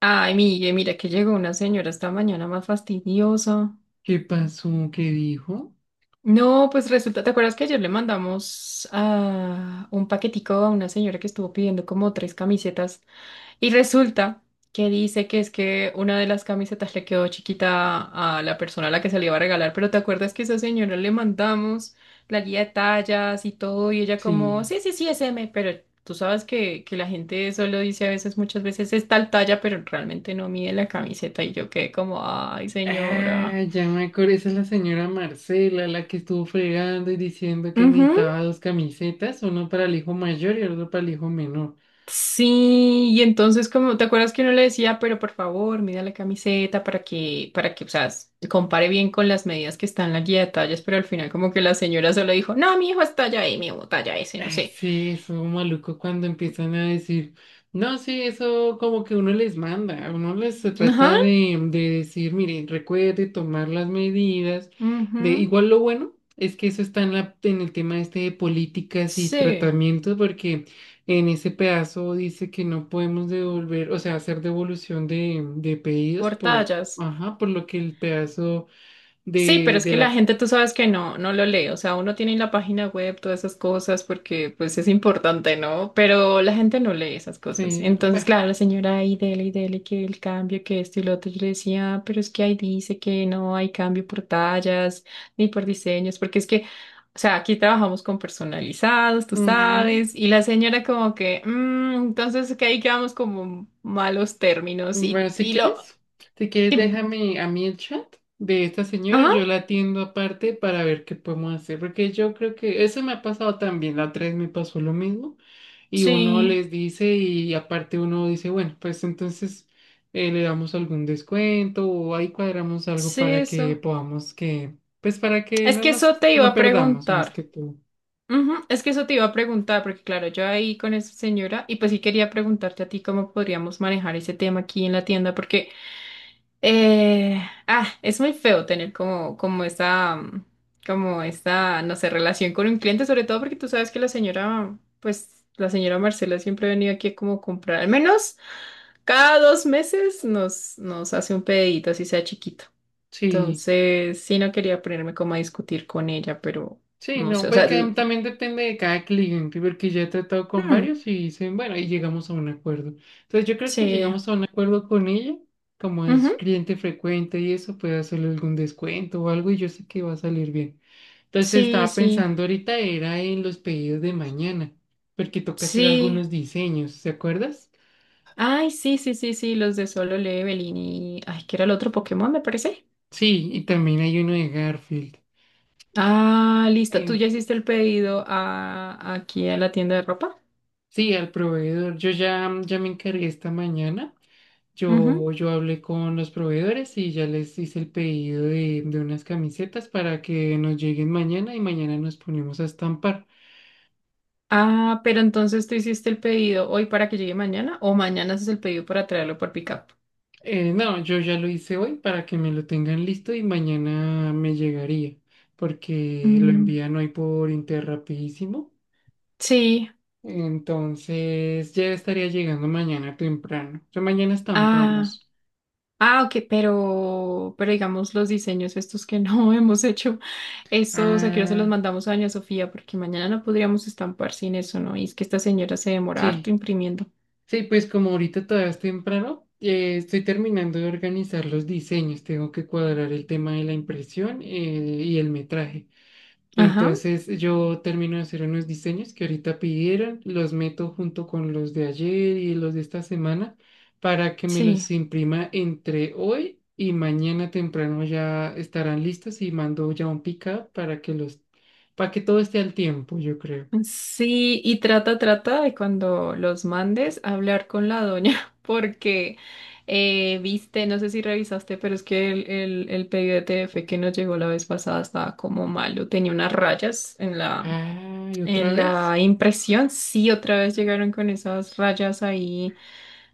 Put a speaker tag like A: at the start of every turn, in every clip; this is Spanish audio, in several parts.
A: Ay, Miguel, mira que llegó una señora esta mañana más fastidiosa.
B: ¿Qué pasó? ¿Qué dijo?
A: No, pues resulta, ¿te acuerdas que ayer le mandamos un paquetico a una señora que estuvo pidiendo como tres camisetas? Y resulta que dice que es que una de las camisetas le quedó chiquita a la persona a la que se le iba a regalar, pero ¿te acuerdas que esa señora le mandamos la guía de tallas y todo? Y ella como,
B: Sí.
A: sí, sí, sí, es M, pero tú sabes que la gente solo dice a veces, muchas veces es tal talla, pero realmente no mide la camiseta y yo quedé como, ay, señora.
B: Ah, ya me acordé, esa es la señora Marcela, la que estuvo fregando y diciendo que
A: Ujú.
B: necesitaba dos camisetas, uno para el hijo mayor y otro para el hijo menor.
A: Sí, y entonces como, ¿te acuerdas que uno le decía, pero por favor, mida la camiseta para que, o sea, compare bien con las medidas que están en la guía de tallas, pero al final como que la señora solo dijo, no, mi hijo es talla M o talla S, no
B: Ay,
A: sé.
B: sí, eso maluco cuando empiezan a decir, no, sí, eso como que uno les manda, uno les se
A: Ajá,
B: trata de decir, miren, recuerde tomar las medidas, de
A: ujú,
B: igual lo bueno es que eso está en el tema este de políticas y
A: sí,
B: tratamientos, porque en ese pedazo dice que no podemos devolver, o sea, hacer devolución de pedidos
A: por
B: por,
A: tallas.
B: ajá, por lo que el pedazo
A: Sí, pero
B: de,
A: es
B: de
A: que la
B: la,
A: gente tú sabes que no lo lee, o sea, uno tiene en la página web todas esas cosas porque pues es importante, ¿no? Pero la gente no lee esas cosas.
B: sí,
A: Entonces,
B: bueno,
A: claro, la señora ahí dele y dele que el cambio, que esto y lo otro, yo le decía: "Ah, pero es que ahí dice que no hay cambio por tallas ni por diseños, porque es que, o sea, aquí trabajamos con personalizados, tú
B: ujú.
A: sabes", y la señora como que: "Mm, entonces que ahí quedamos como malos términos
B: Bueno,
A: y,
B: si
A: y lo..."
B: quieres, si quieres,
A: Dime.
B: déjame a mí el chat de esta señora,
A: Ajá,
B: yo la atiendo aparte para ver qué podemos hacer, porque yo creo que eso me ha pasado también, la otra vez me pasó lo mismo y uno
A: sí,
B: les dice y aparte uno dice, bueno, pues entonces le damos algún descuento o ahí cuadramos algo
A: sí,
B: para que
A: eso.
B: podamos que, pues para que
A: Es que eso te iba
B: no
A: a
B: perdamos más
A: preguntar.
B: que tú.
A: Ujú. Es que eso te iba a preguntar, porque claro, yo ahí con esa señora, y pues sí quería preguntarte a ti cómo podríamos manejar ese tema aquí en la tienda, porque eh, es muy feo tener como, como esa, como esta, no sé, relación con un cliente, sobre todo porque tú sabes que la señora, pues la señora Marcela siempre ha venido aquí a como comprar, al menos cada dos meses nos hace un pedidito, así sea chiquito.
B: Sí.
A: Entonces, sí, no quería ponerme como a discutir con ella, pero
B: Sí,
A: no sé,
B: no,
A: o
B: pues
A: sea,
B: que también depende de cada cliente, porque ya he tratado con
A: hmm,
B: varios y dicen, bueno, y llegamos a un acuerdo. Entonces yo creo que
A: sí,
B: llegamos a un acuerdo con ella, como es
A: ujú,
B: cliente frecuente y eso, puede hacerle algún descuento o algo y yo sé que va a salir bien. Entonces
A: sí,
B: estaba
A: sí,
B: pensando ahorita era en los pedidos de mañana, porque toca hacer
A: sí.
B: algunos diseños, ¿se acuerdas?
A: Ay, sí, sí, sí, sí, los de Solo Leveling y... Ay, ¿qué era el otro? Pokémon, me parece.
B: Sí, y también hay uno de Garfield.
A: Ah, listo, tú
B: En-
A: ya hiciste el pedido a, aquí a la tienda de ropa.
B: sí, al proveedor, yo ya me encargué esta mañana.
A: Ujú.
B: Yo hablé con los proveedores y ya les hice el pedido de unas camisetas para que nos lleguen mañana y mañana nos ponemos a estampar.
A: Ah, pero entonces tú hiciste el pedido hoy para que llegue mañana, o mañana haces el pedido para traerlo por pickup.
B: No, yo ya lo hice hoy para que me lo tengan listo y mañana me llegaría, porque lo
A: Mm,
B: envían hoy por Interrapidísimo.
A: sí.
B: Entonces ya estaría llegando mañana temprano. O mañana
A: Ah.
B: estampamos.
A: Ah, ok, pero digamos los diseños estos que no hemos hecho, esos aquí se los
B: Ah,
A: mandamos a Doña Sofía, porque mañana no podríamos estampar sin eso, ¿no? Y es que esta señora se demora harto
B: sí.
A: imprimiendo.
B: Sí, pues como ahorita todavía es temprano, estoy terminando de organizar los diseños, tengo que cuadrar el tema de la impresión y el metraje.
A: Ajá,
B: Entonces yo termino de hacer unos diseños que ahorita pidieron, los meto junto con los de ayer y los de esta semana para que me
A: sí.
B: los imprima entre hoy y mañana temprano ya estarán listos y mando ya un pick-up para que todo esté al tiempo, yo creo.
A: Sí, y trata, trata de cuando los mandes hablar con la doña, porque viste, no sé si revisaste, pero es que el pedido de TF que nos llegó la vez pasada estaba como malo, tenía unas rayas en la...
B: Ah, ¿y otra
A: En
B: vez?
A: la impresión, sí, otra vez llegaron con esas rayas ahí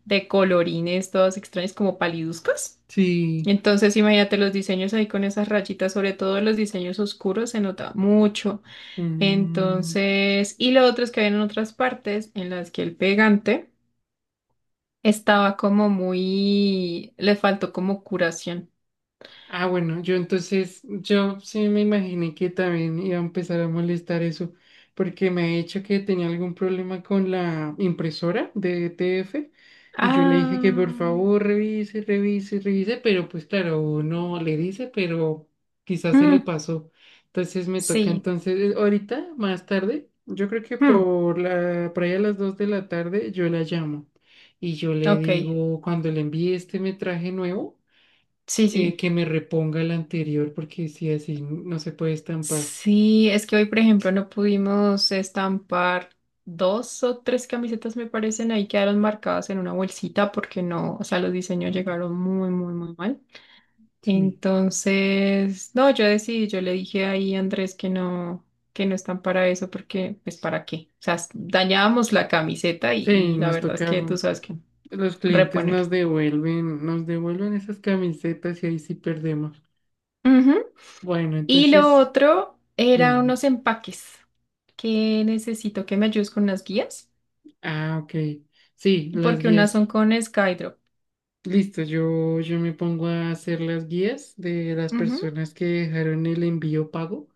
A: de colorines, todas extrañas, como paliduzcas.
B: Sí.
A: Entonces, imagínate los diseños ahí con esas rayitas, sobre todo los diseños oscuros, se nota mucho.
B: Mm.
A: Entonces, y lo otro es que había en otras partes en las que el pegante estaba como muy, le faltó como curación.
B: Ah, bueno, yo entonces, yo sí me imaginé que también iba a empezar a molestar eso, porque me ha dicho que tenía algún problema con la impresora de ETF y yo le dije que
A: Ah,
B: por favor revise, revise, revise, pero pues claro, no le dice, pero quizás se le
A: mm,
B: pasó. Entonces me toca
A: sí,
B: entonces, ahorita, más tarde, yo creo que
A: mm,
B: por ahí a las 2 de la tarde, yo la llamo. Y yo le
A: ok,
B: digo, cuando le envíe este metraje nuevo,
A: sí, sí.
B: que me reponga el anterior, porque si así no se puede estampar.
A: Sí, es que hoy, por ejemplo, no pudimos estampar dos o tres camisetas, me parecen, ahí quedaron marcadas en una bolsita porque no, o sea, los diseños llegaron muy, muy, muy mal.
B: Sí.
A: Entonces, no, yo decidí, yo le dije ahí a Andrés que no están para eso porque, pues, ¿para qué? O sea, dañábamos la camiseta
B: Sí,
A: y la
B: nos
A: verdad es
B: toca,
A: que tú sabes que
B: los clientes
A: reponer.
B: nos devuelven esas camisetas y ahí sí perdemos.
A: Ujú.
B: Bueno,
A: Y lo
B: entonces,
A: otro eran
B: dime.
A: unos empaques que necesito que me ayudes con las guías,
B: Ah, ok. Sí, las
A: porque unas son
B: guías.
A: con Skydrop.
B: Listo, yo me pongo a hacer las guías de las
A: Ujú,
B: personas que dejaron el envío pago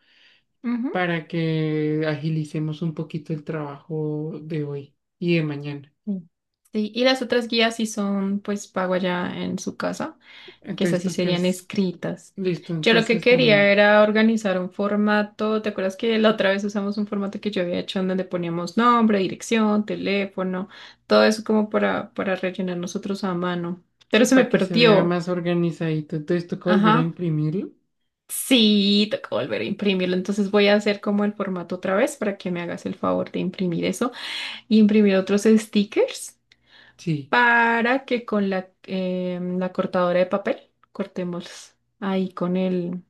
A: ujú.
B: para que agilicemos un poquito el trabajo de hoy y de mañana.
A: Sí. Sí, y las otras guías sí son, pues, pago allá en su casa, que esas
B: Entonces
A: sí serían
B: tocas.
A: escritas.
B: Listo,
A: Yo lo que
B: entonces
A: quería
B: también.
A: era organizar un formato, ¿te acuerdas que la otra vez usamos un formato que yo había hecho en donde poníamos nombre, dirección, teléfono, todo eso como para rellenar nosotros a mano? Pero
B: Sí,
A: se me
B: para que se vea
A: perdió.
B: más organizadito. Entonces toca volver a
A: Ajá.
B: imprimirlo.
A: Sí, tocó volver a imprimirlo. Entonces voy a hacer como el formato otra vez para que me hagas el favor de imprimir eso, y imprimir otros stickers
B: Sí.
A: para que con la, la cortadora de papel cortemos ahí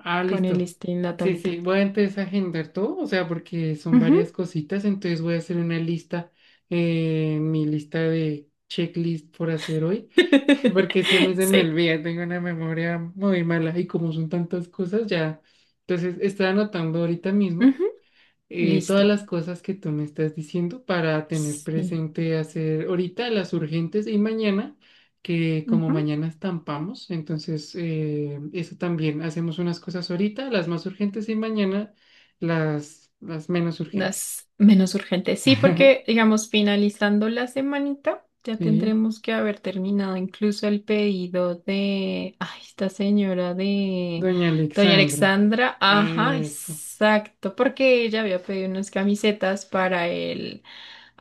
B: Ah,
A: con el
B: listo.
A: este en la
B: Sí, sí.
A: tablita.
B: Voy a entonces agendar todo, o sea, porque son
A: Ujú.
B: varias cositas. Entonces voy a hacer una lista, mi lista de checklist por hacer hoy, porque se me
A: Sí.
B: olvida, tengo una memoria muy mala y como son tantas cosas, ya. Entonces estoy anotando ahorita mismo.
A: Ujú. Listo.
B: Todas las cosas que tú me estás diciendo para tener
A: Sí.
B: presente hacer ahorita las urgentes y mañana, que como
A: Ujú.
B: mañana estampamos, entonces eso también, hacemos unas cosas ahorita, las más urgentes y mañana las menos urgentes.
A: Las menos urgentes. Sí, porque, digamos, finalizando la semanita, ya
B: Sí,
A: tendremos que haber terminado incluso el pedido de, ay, esta señora de
B: doña
A: Doña
B: Alexandra.
A: Alexandra. Ajá,
B: Eso,
A: exacto, porque ella había pedido unas camisetas para el,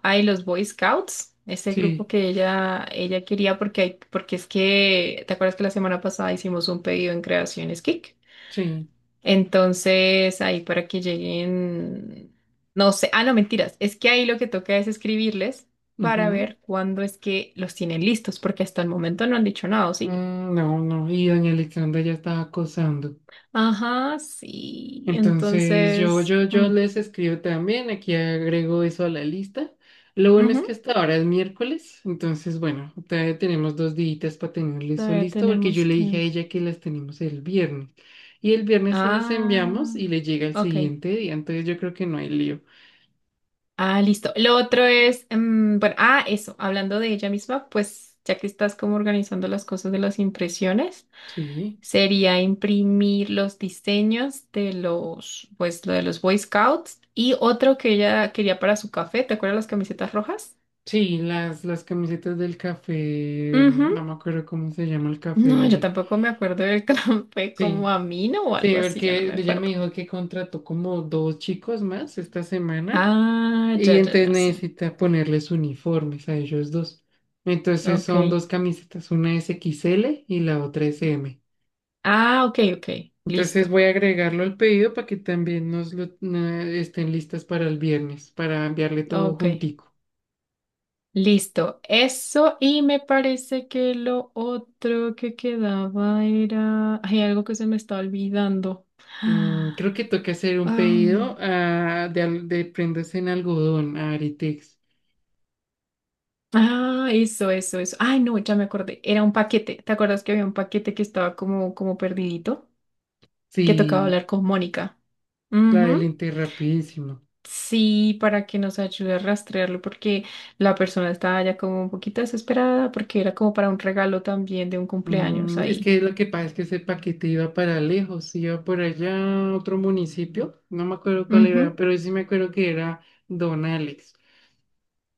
A: ay, los Boy Scouts, ese grupo
B: sí,
A: que ella quería, porque hay, porque es que, ¿te acuerdas que la semana pasada hicimos un pedido en Creaciones Kick?
B: sí.
A: Entonces, ahí para que lleguen, no sé, ah, no, mentiras, es que ahí lo que toca es escribirles para
B: Ujú.
A: ver cuándo es que los tienen listos, porque hasta el momento no han dicho nada, ¿o sí?
B: Mm, no, no, y doña Alexandra ya estaba acosando.
A: Ajá, sí,
B: Entonces yo,
A: entonces,
B: yo, yo
A: mm,
B: les escribo también, aquí agrego eso a la lista. Lo bueno es
A: ujú,
B: que hasta ahora es miércoles, entonces bueno, todavía tenemos 2 días para tener eso
A: todavía
B: listo, porque yo
A: tenemos
B: le dije a
A: tiempo.
B: ella que las tenemos el viernes. Y el viernes se las enviamos
A: Ah,
B: y le llega el
A: ok.
B: siguiente día, entonces yo creo que no hay lío.
A: Ah, listo. Lo otro es, mm, bueno, ah, eso, hablando de ella misma, pues ya que estás como organizando las cosas de las impresiones,
B: Sí,
A: sería imprimir los diseños de los, pues, lo de los Boy Scouts y otro que ella quería para su café. ¿Te acuerdas las camisetas rojas?
B: sí, las camisetas del café,
A: Ujú.
B: no me acuerdo cómo se llama el café
A: No,
B: de
A: yo
B: ella.
A: tampoco me acuerdo del café, como
B: Sí,
A: Amino o
B: sí,
A: algo así, ya no
B: porque
A: me
B: ella me
A: acuerdo.
B: dijo que contrató como dos chicos más esta semana.
A: Ah,
B: Y
A: ya, ya,
B: entonces
A: ya sé.
B: necesita ponerles uniformes a ellos dos. Entonces
A: Ok.
B: son dos camisetas, una es XL y la otra es M.
A: Ah, ok, ok.
B: Entonces
A: Listo.
B: voy a agregarlo al pedido para que también nos estén listas para el viernes, para enviarle todo
A: Ok.
B: juntico.
A: Listo. Eso y me parece que lo otro que quedaba era... Hay algo que se me está olvidando.
B: Mm, creo que toca hacer un
A: Ah.
B: pedido de prendas en algodón a Aritex.
A: Ah, eso, eso, eso. Ay, no, ya me acordé. Era un paquete. ¿Te acuerdas que había un paquete que estaba como, como perdidito? Que tocaba
B: Sí,
A: hablar con Mónica.
B: la del
A: Ujú.
B: Inter rapidísimo.
A: Sí, para que nos ayude a rastrearlo, porque la persona estaba ya como un poquito desesperada, porque era como para un regalo también de un cumpleaños
B: Mm, es
A: ahí.
B: que lo que pasa es que ese paquete iba para lejos, iba por allá a otro municipio, no me acuerdo cuál era,
A: Ujú.
B: pero sí me acuerdo que era Don Alex.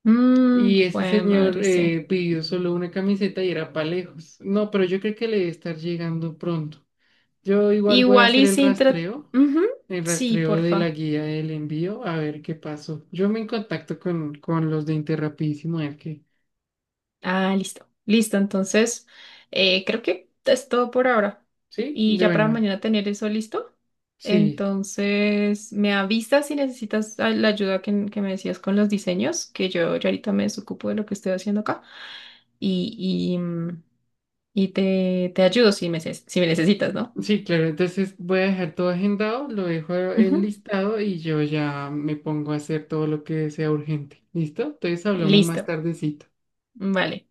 A: Mm,
B: Y ese
A: jue
B: señor
A: madre, sí.
B: pidió solo una camiseta y era para lejos. No, pero yo creo que le debe estar llegando pronto. Yo igual voy a
A: Igual
B: hacer
A: y sin tra- ujú.
B: el
A: Sí,
B: rastreo de la
A: porfa.
B: guía del envío, a ver qué pasó. Yo me en contacto con los de Interrapidísimo, a ver qué.
A: Ah, listo. Listo, entonces creo que es todo por ahora.
B: ¿Sí?
A: Y
B: De
A: ya para
B: bueno,
A: mañana tener eso listo.
B: sí.
A: Entonces me avisas si necesitas la ayuda que me decías con los diseños, que yo ya ahorita me desocupo de lo que estoy haciendo acá. Y, y, mm, y te, te ayudo si me, si me necesitas, ¿no?
B: Sí, claro, entonces voy a dejar todo agendado, lo dejo
A: Ujú.
B: enlistado y yo ya me pongo a hacer todo lo que sea urgente. ¿Listo? Entonces hablamos más
A: Listo.
B: tardecito.
A: Vale.